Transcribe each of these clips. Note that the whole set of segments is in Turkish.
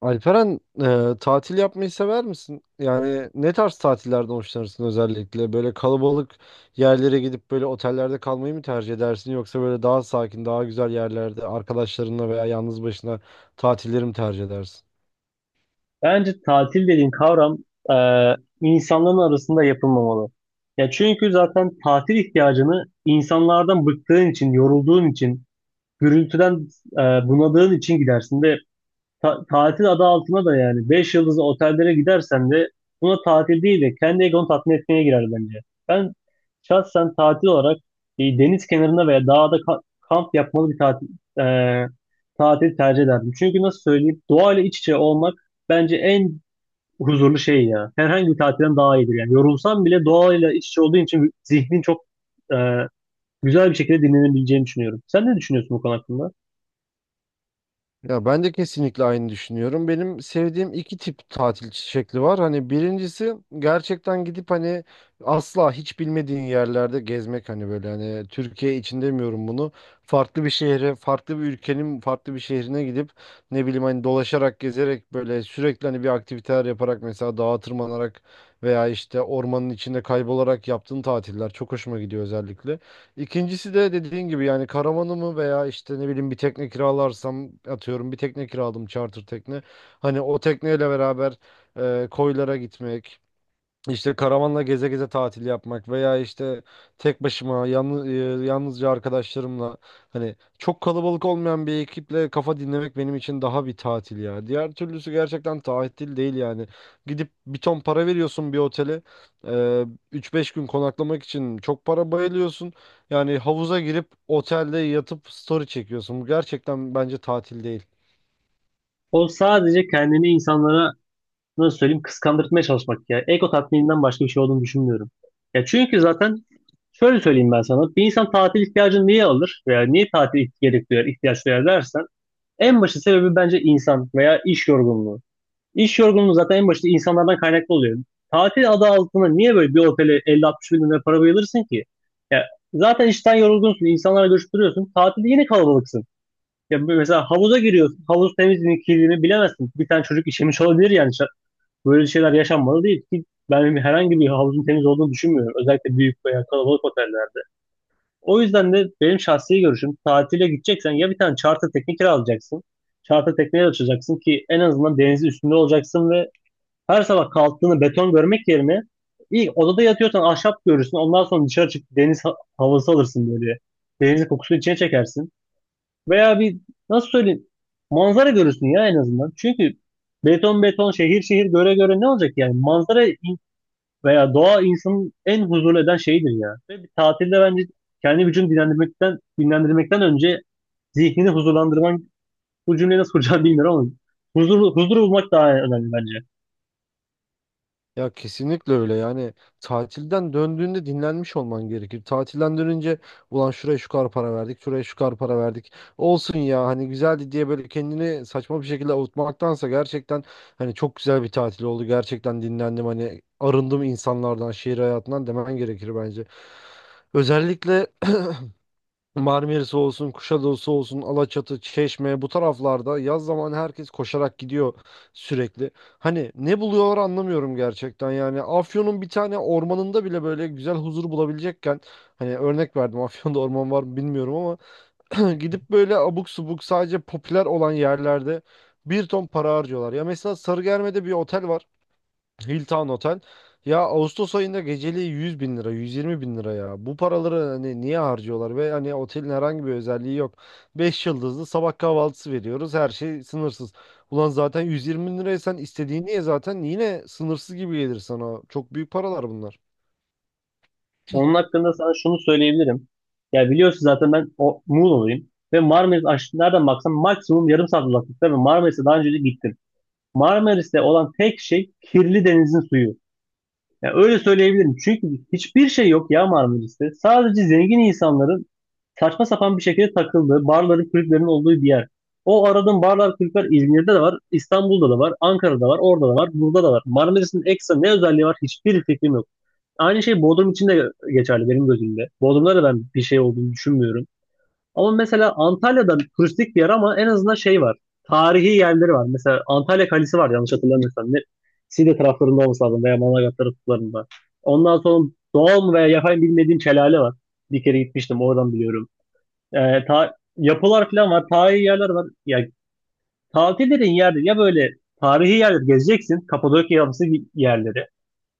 Alperen, tatil yapmayı sever misin? Yani ne tarz tatillerden hoşlanırsın özellikle? Böyle kalabalık yerlere gidip böyle otellerde kalmayı mı tercih edersin? Yoksa böyle daha sakin, daha güzel yerlerde arkadaşlarınla veya yalnız başına tatilleri mi tercih edersin? Bence tatil dediğin kavram e, insanların arasında yapılmamalı. Ya çünkü zaten tatil ihtiyacını insanlardan bıktığın için, yorulduğun için, gürültüden e, bunadığın için gidersin de tatil adı altına da yani 5 yıldızlı otellere gidersen de buna tatil değil de kendi egonu tatmin etmeye girer bence. Ben şahsen tatil olarak deniz kenarında veya dağda kamp yapmalı bir tatil e, tercih ederdim. Çünkü nasıl söyleyeyim, doğayla iç içe olmak bence en huzurlu şey ya. Herhangi bir tatilden daha iyidir yani. Yorulsam bile doğayla iç içe olduğun için zihnin çok e, güzel bir şekilde dinlenebileceğini düşünüyorum. Sen ne düşünüyorsun bu konu hakkında? Ya ben de kesinlikle aynı düşünüyorum. Benim sevdiğim iki tip tatil şekli var. Hani birincisi gerçekten gidip hani asla hiç bilmediğin yerlerde gezmek hani böyle hani Türkiye için demiyorum bunu. Farklı bir şehre, farklı bir ülkenin farklı bir şehrine gidip ne bileyim hani dolaşarak, gezerek böyle sürekli hani bir aktiviteler yaparak mesela dağa tırmanarak veya işte ormanın içinde kaybolarak yaptığın tatiller çok hoşuma gidiyor özellikle. İkincisi de dediğin gibi yani karavanımı veya işte ne bileyim bir tekne kiralarsam atıyorum bir tekne kiraladım charter tekne. Hani o tekneyle beraber, e, koylara gitmek işte karavanla geze geze tatil yapmak veya işte tek başıma yalnız, yalnızca arkadaşlarımla hani çok kalabalık olmayan bir ekiple kafa dinlemek benim için daha bir tatil ya. Diğer türlüsü gerçekten tatil değil yani. Gidip bir ton para veriyorsun bir otele. eee, 3-5 gün konaklamak için çok para bayılıyorsun. Yani havuza girip otelde yatıp story çekiyorsun. Bu gerçekten bence tatil değil. O sadece kendini insanlara nasıl söyleyeyim kıskandırtmaya çalışmak ya. Ego tatmininden başka bir şey olduğunu düşünmüyorum. Ya çünkü zaten şöyle söyleyeyim ben sana. Bir insan tatil ihtiyacını niye alır veya niye tatil gerek duyar, ihtiyaç duyar dersen en başı sebebi bence insan veya iş yorgunluğu. İş yorgunluğu zaten en başta insanlardan kaynaklı oluyor. Tatil adı altında niye böyle bir otele 50-60 bin lira para bayılırsın ki? Ya zaten işten yorgunsun, insanlarla görüştürüyorsun. Tatilde yine kalabalıksın. Ya mesela havuza giriyorsun. Havuz temizliğini, mi, bilemezsin. Bir tane çocuk işemiş olabilir yani. Böyle şeyler yaşanmalı değil ki ben herhangi bir havuzun temiz olduğunu düşünmüyorum. Özellikle büyük veya kalabalık otellerde. O yüzden de benim şahsi görüşüm tatile gideceksen ya bir tane charter tekne kiralayacaksın. Charter tekneye açacaksın ki en azından denizin üstünde olacaksın ve her sabah kalktığını beton görmek yerine ilk odada yatıyorsan ahşap görürsün. Ondan sonra dışarı çık deniz havası alırsın böyle. Denizin kokusunu içine çekersin. Veya bir nasıl söyleyeyim manzara görürsün ya en azından. Çünkü beton beton şehir şehir göre göre ne olacak yani? Veya doğa insanın en huzurlu eden şeyidir ya. Ve bir tatilde bence kendi vücudunu dinlendirmekten önce zihnini huzurlandırman bu cümleyi nasıl kuracağım bilmiyorum ama huzur bulmak daha önemli bence. Ya kesinlikle öyle yani tatilden döndüğünde dinlenmiş olman gerekir. Tatilden dönünce ulan şuraya şu kadar para verdik, şuraya şu kadar para verdik. Olsun ya hani güzeldi diye böyle kendini saçma bir şekilde avutmaktansa gerçekten hani çok güzel bir tatil oldu. Gerçekten dinlendim hani arındım insanlardan, şehir hayatından demen gerekir bence. Özellikle Marmaris olsun, Kuşadası olsun, Alaçatı, Çeşme bu taraflarda yaz zamanı herkes koşarak gidiyor sürekli. Hani ne buluyorlar anlamıyorum gerçekten yani. Afyon'un bir tane ormanında bile böyle güzel huzur bulabilecekken hani örnek verdim Afyon'da orman var mı bilmiyorum ama gidip böyle abuk subuk sadece popüler olan yerlerde bir ton para harcıyorlar. Ya mesela Sarıgerme'de bir otel var. Hilton Otel. Ya Ağustos ayında geceliği 100 bin lira, 120 bin lira ya. Bu paraları hani niye harcıyorlar ve hani otelin herhangi bir özelliği yok. Beş yıldızlı sabah kahvaltısı veriyoruz. Her şey sınırsız. Ulan zaten 120 bin liraya sen istediğini ye zaten yine sınırsız gibi gelir sana. Çok büyük paralar bunlar. Onun hakkında sana şunu söyleyebilirim. Ya biliyorsun zaten ben o Muğla'lıyım. Ve Marmaris nereden baksam maksimum yarım saat uzaklıkta ve Marmaris'e daha önce de gittim. Marmaris'te olan tek şey kirli denizin suyu. Ya öyle söyleyebilirim. Çünkü hiçbir şey yok ya Marmaris'te. Sadece zengin insanların saçma sapan bir şekilde takıldığı, barların, kulüplerin olduğu bir yer. O aradığın barlar, kulüpler İzmir'de de var, İstanbul'da da var, Ankara'da var, orada da var, burada da var. Marmaris'in ekstra ne özelliği var hiçbir fikrim yok. Aynı şey Bodrum için de geçerli benim gözümde. Bodrum'da da ben bir şey olduğunu düşünmüyorum. Ama mesela Antalya'da turistik bir yer ama en azından şey var. Tarihi yerleri var. Mesela Antalya Kalesi var yanlış hatırlamıyorsam. Ne, Side taraflarında olması lazım veya Manavgat taraflarında. Ondan sonra doğal mı veya yapay mı bilmediğim Çelale var. Bir kere gitmiştim oradan biliyorum. Yapılar falan var. Tarihi yerler var. Ya tatil dediğin yerde ya böyle tarihi yerleri gezeceksin. Kapadokya yapısı yerleri.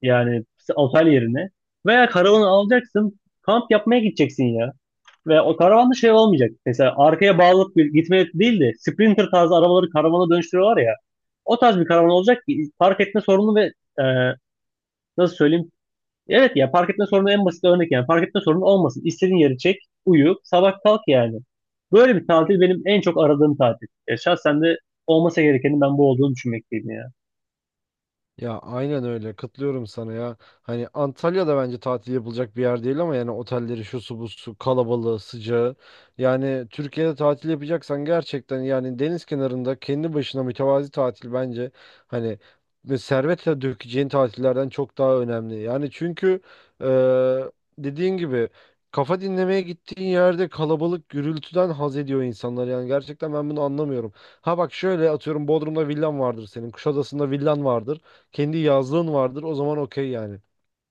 Yani otel yerine. Veya karavanı alacaksın. Kamp yapmaya gideceksin ya. Ve o karavanda şey olmayacak. Mesela arkaya bağlanıp bir gitmeye değil de Sprinter tarzı arabaları karavana dönüştürüyorlar ya. O tarz bir karavan olacak ki park etme sorunu ve e, nasıl söyleyeyim? Evet ya park etme sorunu en basit örnek yani. Park etme sorunu olmasın. İstediğin yeri çek, uyu, sabah kalk yani. Böyle bir tatil benim en çok aradığım tatil. Şahsen de olmasa gerekenin ben bu olduğunu düşünmekteyim yani. Ya aynen öyle katılıyorum sana ya. Hani Antalya'da bence tatil yapılacak bir yer değil ama yani otelleri şu su bu su kalabalığı sıcağı. Yani Türkiye'de tatil yapacaksan gerçekten yani deniz kenarında kendi başına mütevazi tatil bence hani ve servetle dökeceğin tatillerden çok daha önemli. Yani çünkü, eee, dediğin gibi kafa dinlemeye gittiğin yerde kalabalık gürültüden haz ediyor insanlar. Yani gerçekten ben bunu anlamıyorum. Ha bak şöyle atıyorum Bodrum'da villan vardır senin. Kuşadası'nda villan vardır kendi yazlığın vardır. O zaman okey yani.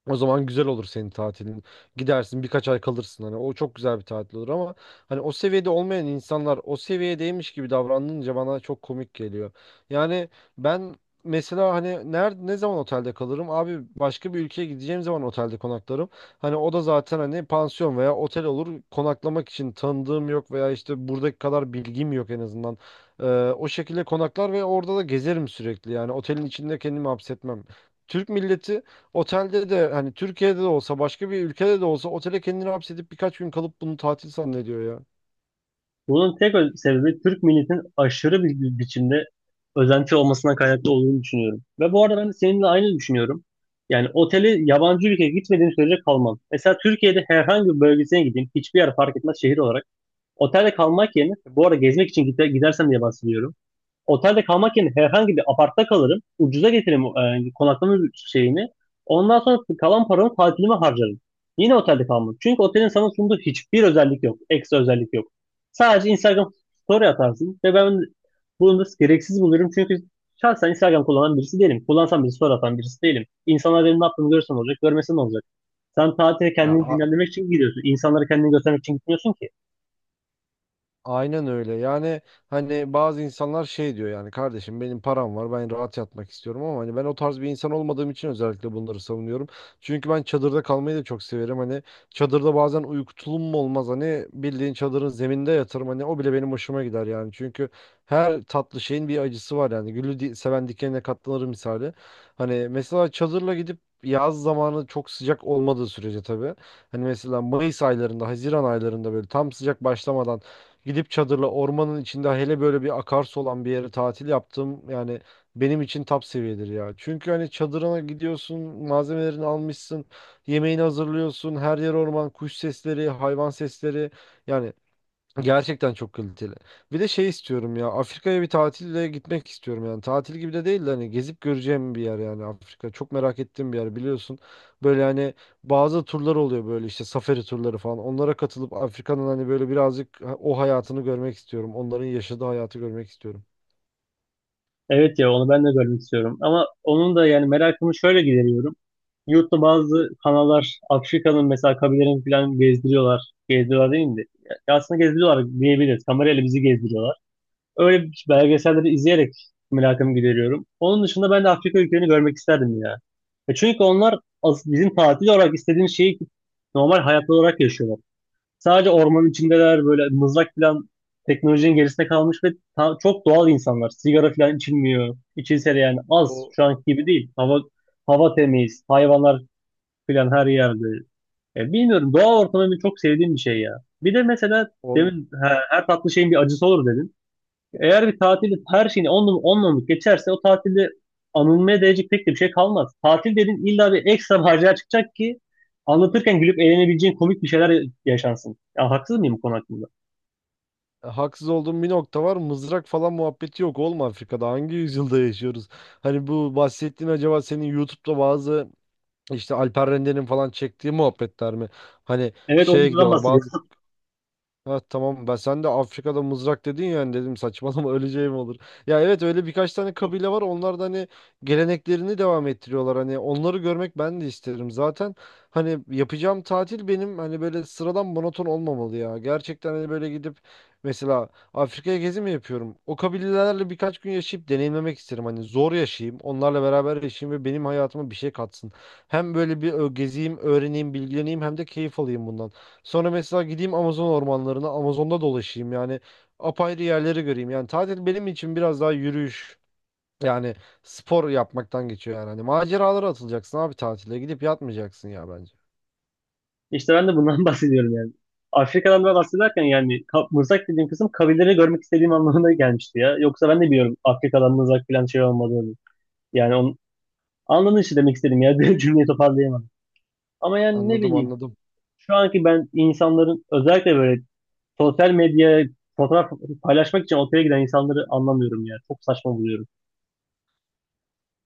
O zaman güzel olur senin tatilin. Gidersin birkaç ay kalırsın hani o çok güzel bir tatil olur ama hani o seviyede olmayan insanlar o seviyedeymiş gibi davranınca bana çok komik geliyor. Yani ben mesela hani nerede ne zaman otelde kalırım? Abi başka bir ülkeye gideceğim zaman otelde konaklarım. Hani o da zaten hani pansiyon veya otel olur. Konaklamak için tanıdığım yok veya işte buradaki kadar bilgim yok en azından. Ee, O şekilde konaklar ve orada da gezerim sürekli. Yani otelin içinde kendimi hapsetmem. Türk milleti otelde de hani Türkiye'de de olsa başka bir ülkede de olsa otele kendini hapsedip birkaç gün kalıp bunu tatil zannediyor ya. Bunun tek sebebi Türk milletinin aşırı bir biçimde özenti olmasına kaynaklı olduğunu düşünüyorum. Ve bu arada ben de seninle aynı düşünüyorum. Yani oteli yabancı ülkeye gitmediğim sürece kalmam. Mesela Türkiye'de herhangi bir bölgesine gideyim, hiçbir yer fark etmez şehir olarak. Otelde kalmak yerine, bu arada gezmek için gidersem diye bahsediyorum. Otelde kalmak yerine herhangi bir apartta kalırım. Ucuza getiririm konaklama şeyini. Ondan sonra kalan paramı tatilime harcarım. Yine otelde kalmam. Çünkü otelin sana sunduğu hiçbir özellik yok. Ekstra özellik yok. Sadece Instagram story atarsın ve ben bunu da gereksiz buluyorum. Çünkü şahsen Instagram kullanan birisi değilim. Kullansam bir story atan birisi değilim. İnsanlar benim ne yaptığımı görürsen olacak, görmesen olacak. Sen tatile Ya kendini dinlendirmek için gidiyorsun. İnsanlara kendini göstermek için gitmiyorsun ki. aynen öyle. Yani hani bazı insanlar şey diyor yani kardeşim benim param var ben rahat yatmak istiyorum ama hani ben o tarz bir insan olmadığım için özellikle bunları savunuyorum. Çünkü ben çadırda kalmayı da çok severim. Hani çadırda bazen uyku mu olmaz hani bildiğin çadırın zeminde yatırım hani o bile benim hoşuma gider yani. Çünkü her tatlı şeyin bir acısı var yani. Gülü seven dikenine katlanır misali. Hani mesela çadırla gidip yaz zamanı çok sıcak olmadığı sürece tabii. Hani mesela Mayıs aylarında, Haziran aylarında böyle tam sıcak başlamadan gidip çadırla ormanın içinde hele böyle bir akarsu olan bir yere tatil yaptım. Yani benim için top seviyedir ya. Çünkü hani çadırına gidiyorsun, malzemelerini almışsın, yemeğini hazırlıyorsun, her yer orman, kuş sesleri, hayvan sesleri. Yani gerçekten çok kaliteli. Bir de şey istiyorum ya. Afrika'ya bir tatille gitmek istiyorum yani. Tatil gibi de değil de hani gezip göreceğim bir yer yani Afrika. Çok merak ettiğim bir yer biliyorsun. Böyle hani bazı turlar oluyor böyle işte safari turları falan. Onlara katılıp Afrika'nın hani böyle birazcık o hayatını görmek istiyorum. Onların yaşadığı hayatı görmek istiyorum. Evet ya onu ben de görmek istiyorum. Ama onun da yani merakımı şöyle gideriyorum. Yurtta bazı kanallar Afrika'nın mesela kabilelerini falan gezdiriyorlar. Gezdiriyorlar değil mi? Ya aslında gezdiriyorlar diyebiliriz. Kamerayla bizi gezdiriyorlar. Öyle belgeselleri izleyerek merakımı gideriyorum. Onun dışında ben de Afrika ülkelerini görmek isterdim ya. Çünkü onlar bizim tatil olarak istediğimiz şeyi normal hayat olarak yaşıyorlar. Sadece ormanın içindeler böyle mızrak falan teknolojinin gerisinde kalmış ve çok doğal insanlar. Sigara falan içilmiyor. İçilse de yani az O şu anki gibi değil. Hava temiz, hayvanlar filan her yerde. Bilmiyorum doğa ortamı benim çok sevdiğim bir şey ya. Bir de mesela ol, demin ha, her tatlı şeyin bir acısı olur dedin. Eğer bir tatilde her şeyini onunla geçerse o tatilde anılmaya değecek pek de bir şey kalmaz. Tatil dedin illa bir ekstra macera çıkacak ki anlatırken gülüp eğlenebileceğin komik bir şeyler yaşansın. Ya haksız mıyım bu konu hakkında? haksız olduğum bir nokta var. Mızrak falan muhabbeti yok. Olma Afrika'da. Hangi yüzyılda yaşıyoruz? Hani bu bahsettiğin acaba senin YouTube'da bazı İşte Alper Rende'nin falan çektiği muhabbetler mi? Hani Evet o şeye videodan gidiyorlar. bahsediyorum. Ha, tamam ben sen de Afrika'da mızrak dedin yani dedim saçmalama öleceğim olur. Ya evet öyle birkaç tane kabile var onlar da hani geleneklerini devam ettiriyorlar hani onları görmek ben de isterim. Zaten hani yapacağım tatil benim hani böyle sıradan monoton olmamalı ya. Gerçekten hani böyle gidip mesela Afrika'ya gezi mi yapıyorum? O kabilelerle birkaç gün yaşayıp deneyimlemek isterim. Hani zor yaşayayım onlarla beraber yaşayayım ve benim hayatıma bir şey katsın. Hem böyle bir gezeyim öğreneyim bilgileneyim hem de keyif alayım bundan. Sonra mesela gideyim Amazon ormanlarına, Amazon'da dolaşayım yani apayrı yerleri göreyim. Yani tatil benim için biraz daha yürüyüş yani spor yapmaktan geçiyor yani. Hani maceralara atılacaksın abi tatile gidip yatmayacaksın ya bence. İşte ben de bundan bahsediyorum yani. Afrika'dan da bahsederken yani mırsak dediğim kısım kabileleri görmek istediğim anlamına gelmişti ya. Yoksa ben de biliyorum Afrika'dan mızrak falan şey olmadığını. Yani onun anladın işte demek istedim ya. Cümleyi toparlayamadım. Ama yani ne Anladım, bileyim. anladım. Şu anki ben insanların özellikle böyle sosyal medyaya fotoğraf paylaşmak için otele giden insanları anlamıyorum ya. Çok saçma buluyorum.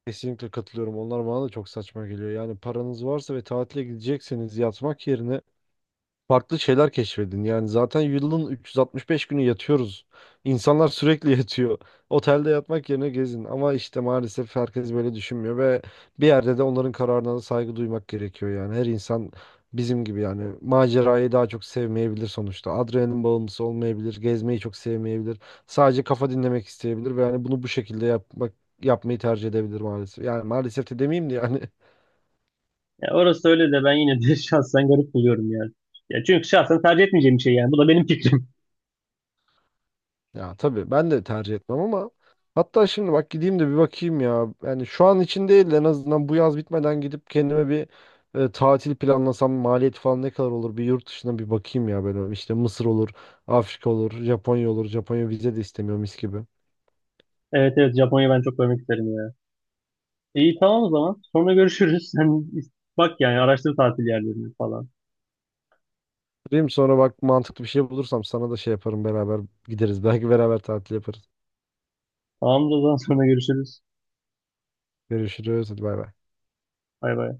Kesinlikle katılıyorum. Onlar bana da çok saçma geliyor. Yani paranız varsa ve tatile gidecekseniz yatmak yerine farklı şeyler keşfedin. Yani zaten yılın 365 günü yatıyoruz. İnsanlar sürekli yatıyor. Otelde yatmak yerine gezin. Ama işte maalesef herkes böyle düşünmüyor ve bir yerde de onların kararına da saygı duymak gerekiyor yani. Her insan bizim gibi yani macerayı daha çok sevmeyebilir sonuçta. Adrenalin bağımlısı olmayabilir, gezmeyi çok sevmeyebilir. Sadece kafa dinlemek isteyebilir ve yani bunu bu şekilde yapmayı tercih edebilir maalesef. Yani maalesef de demeyeyim de yani Ya orası öyle de ben yine de şahsen garip buluyorum yani. Ya çünkü şahsen tercih etmeyeceğim bir şey yani. Bu da benim fikrim. ya tabii ben de tercih etmem ama hatta şimdi bak gideyim de bir bakayım ya. Yani şu an için değil de en azından bu yaz bitmeden gidip kendime bir, tatil planlasam maliyet falan ne kadar olur bir yurt dışına bir bakayım ya böyle işte Mısır olur, Afrika olur, Japonya olur. Japonya vize de istemiyor mis gibi. Evet evet, Japonya'yı ben çok görmek isterim ya. İyi, tamam o zaman. Sonra görüşürüz. Sen bak yani, araştır tatil yerlerini falan. Diyeyim sonra bak mantıklı bir şey bulursam sana da şey yaparım beraber gideriz. Belki beraber tatil yaparız. Tamam o zaman, sonra görüşürüz. Görüşürüz. Hadi bay bay. Bay bay.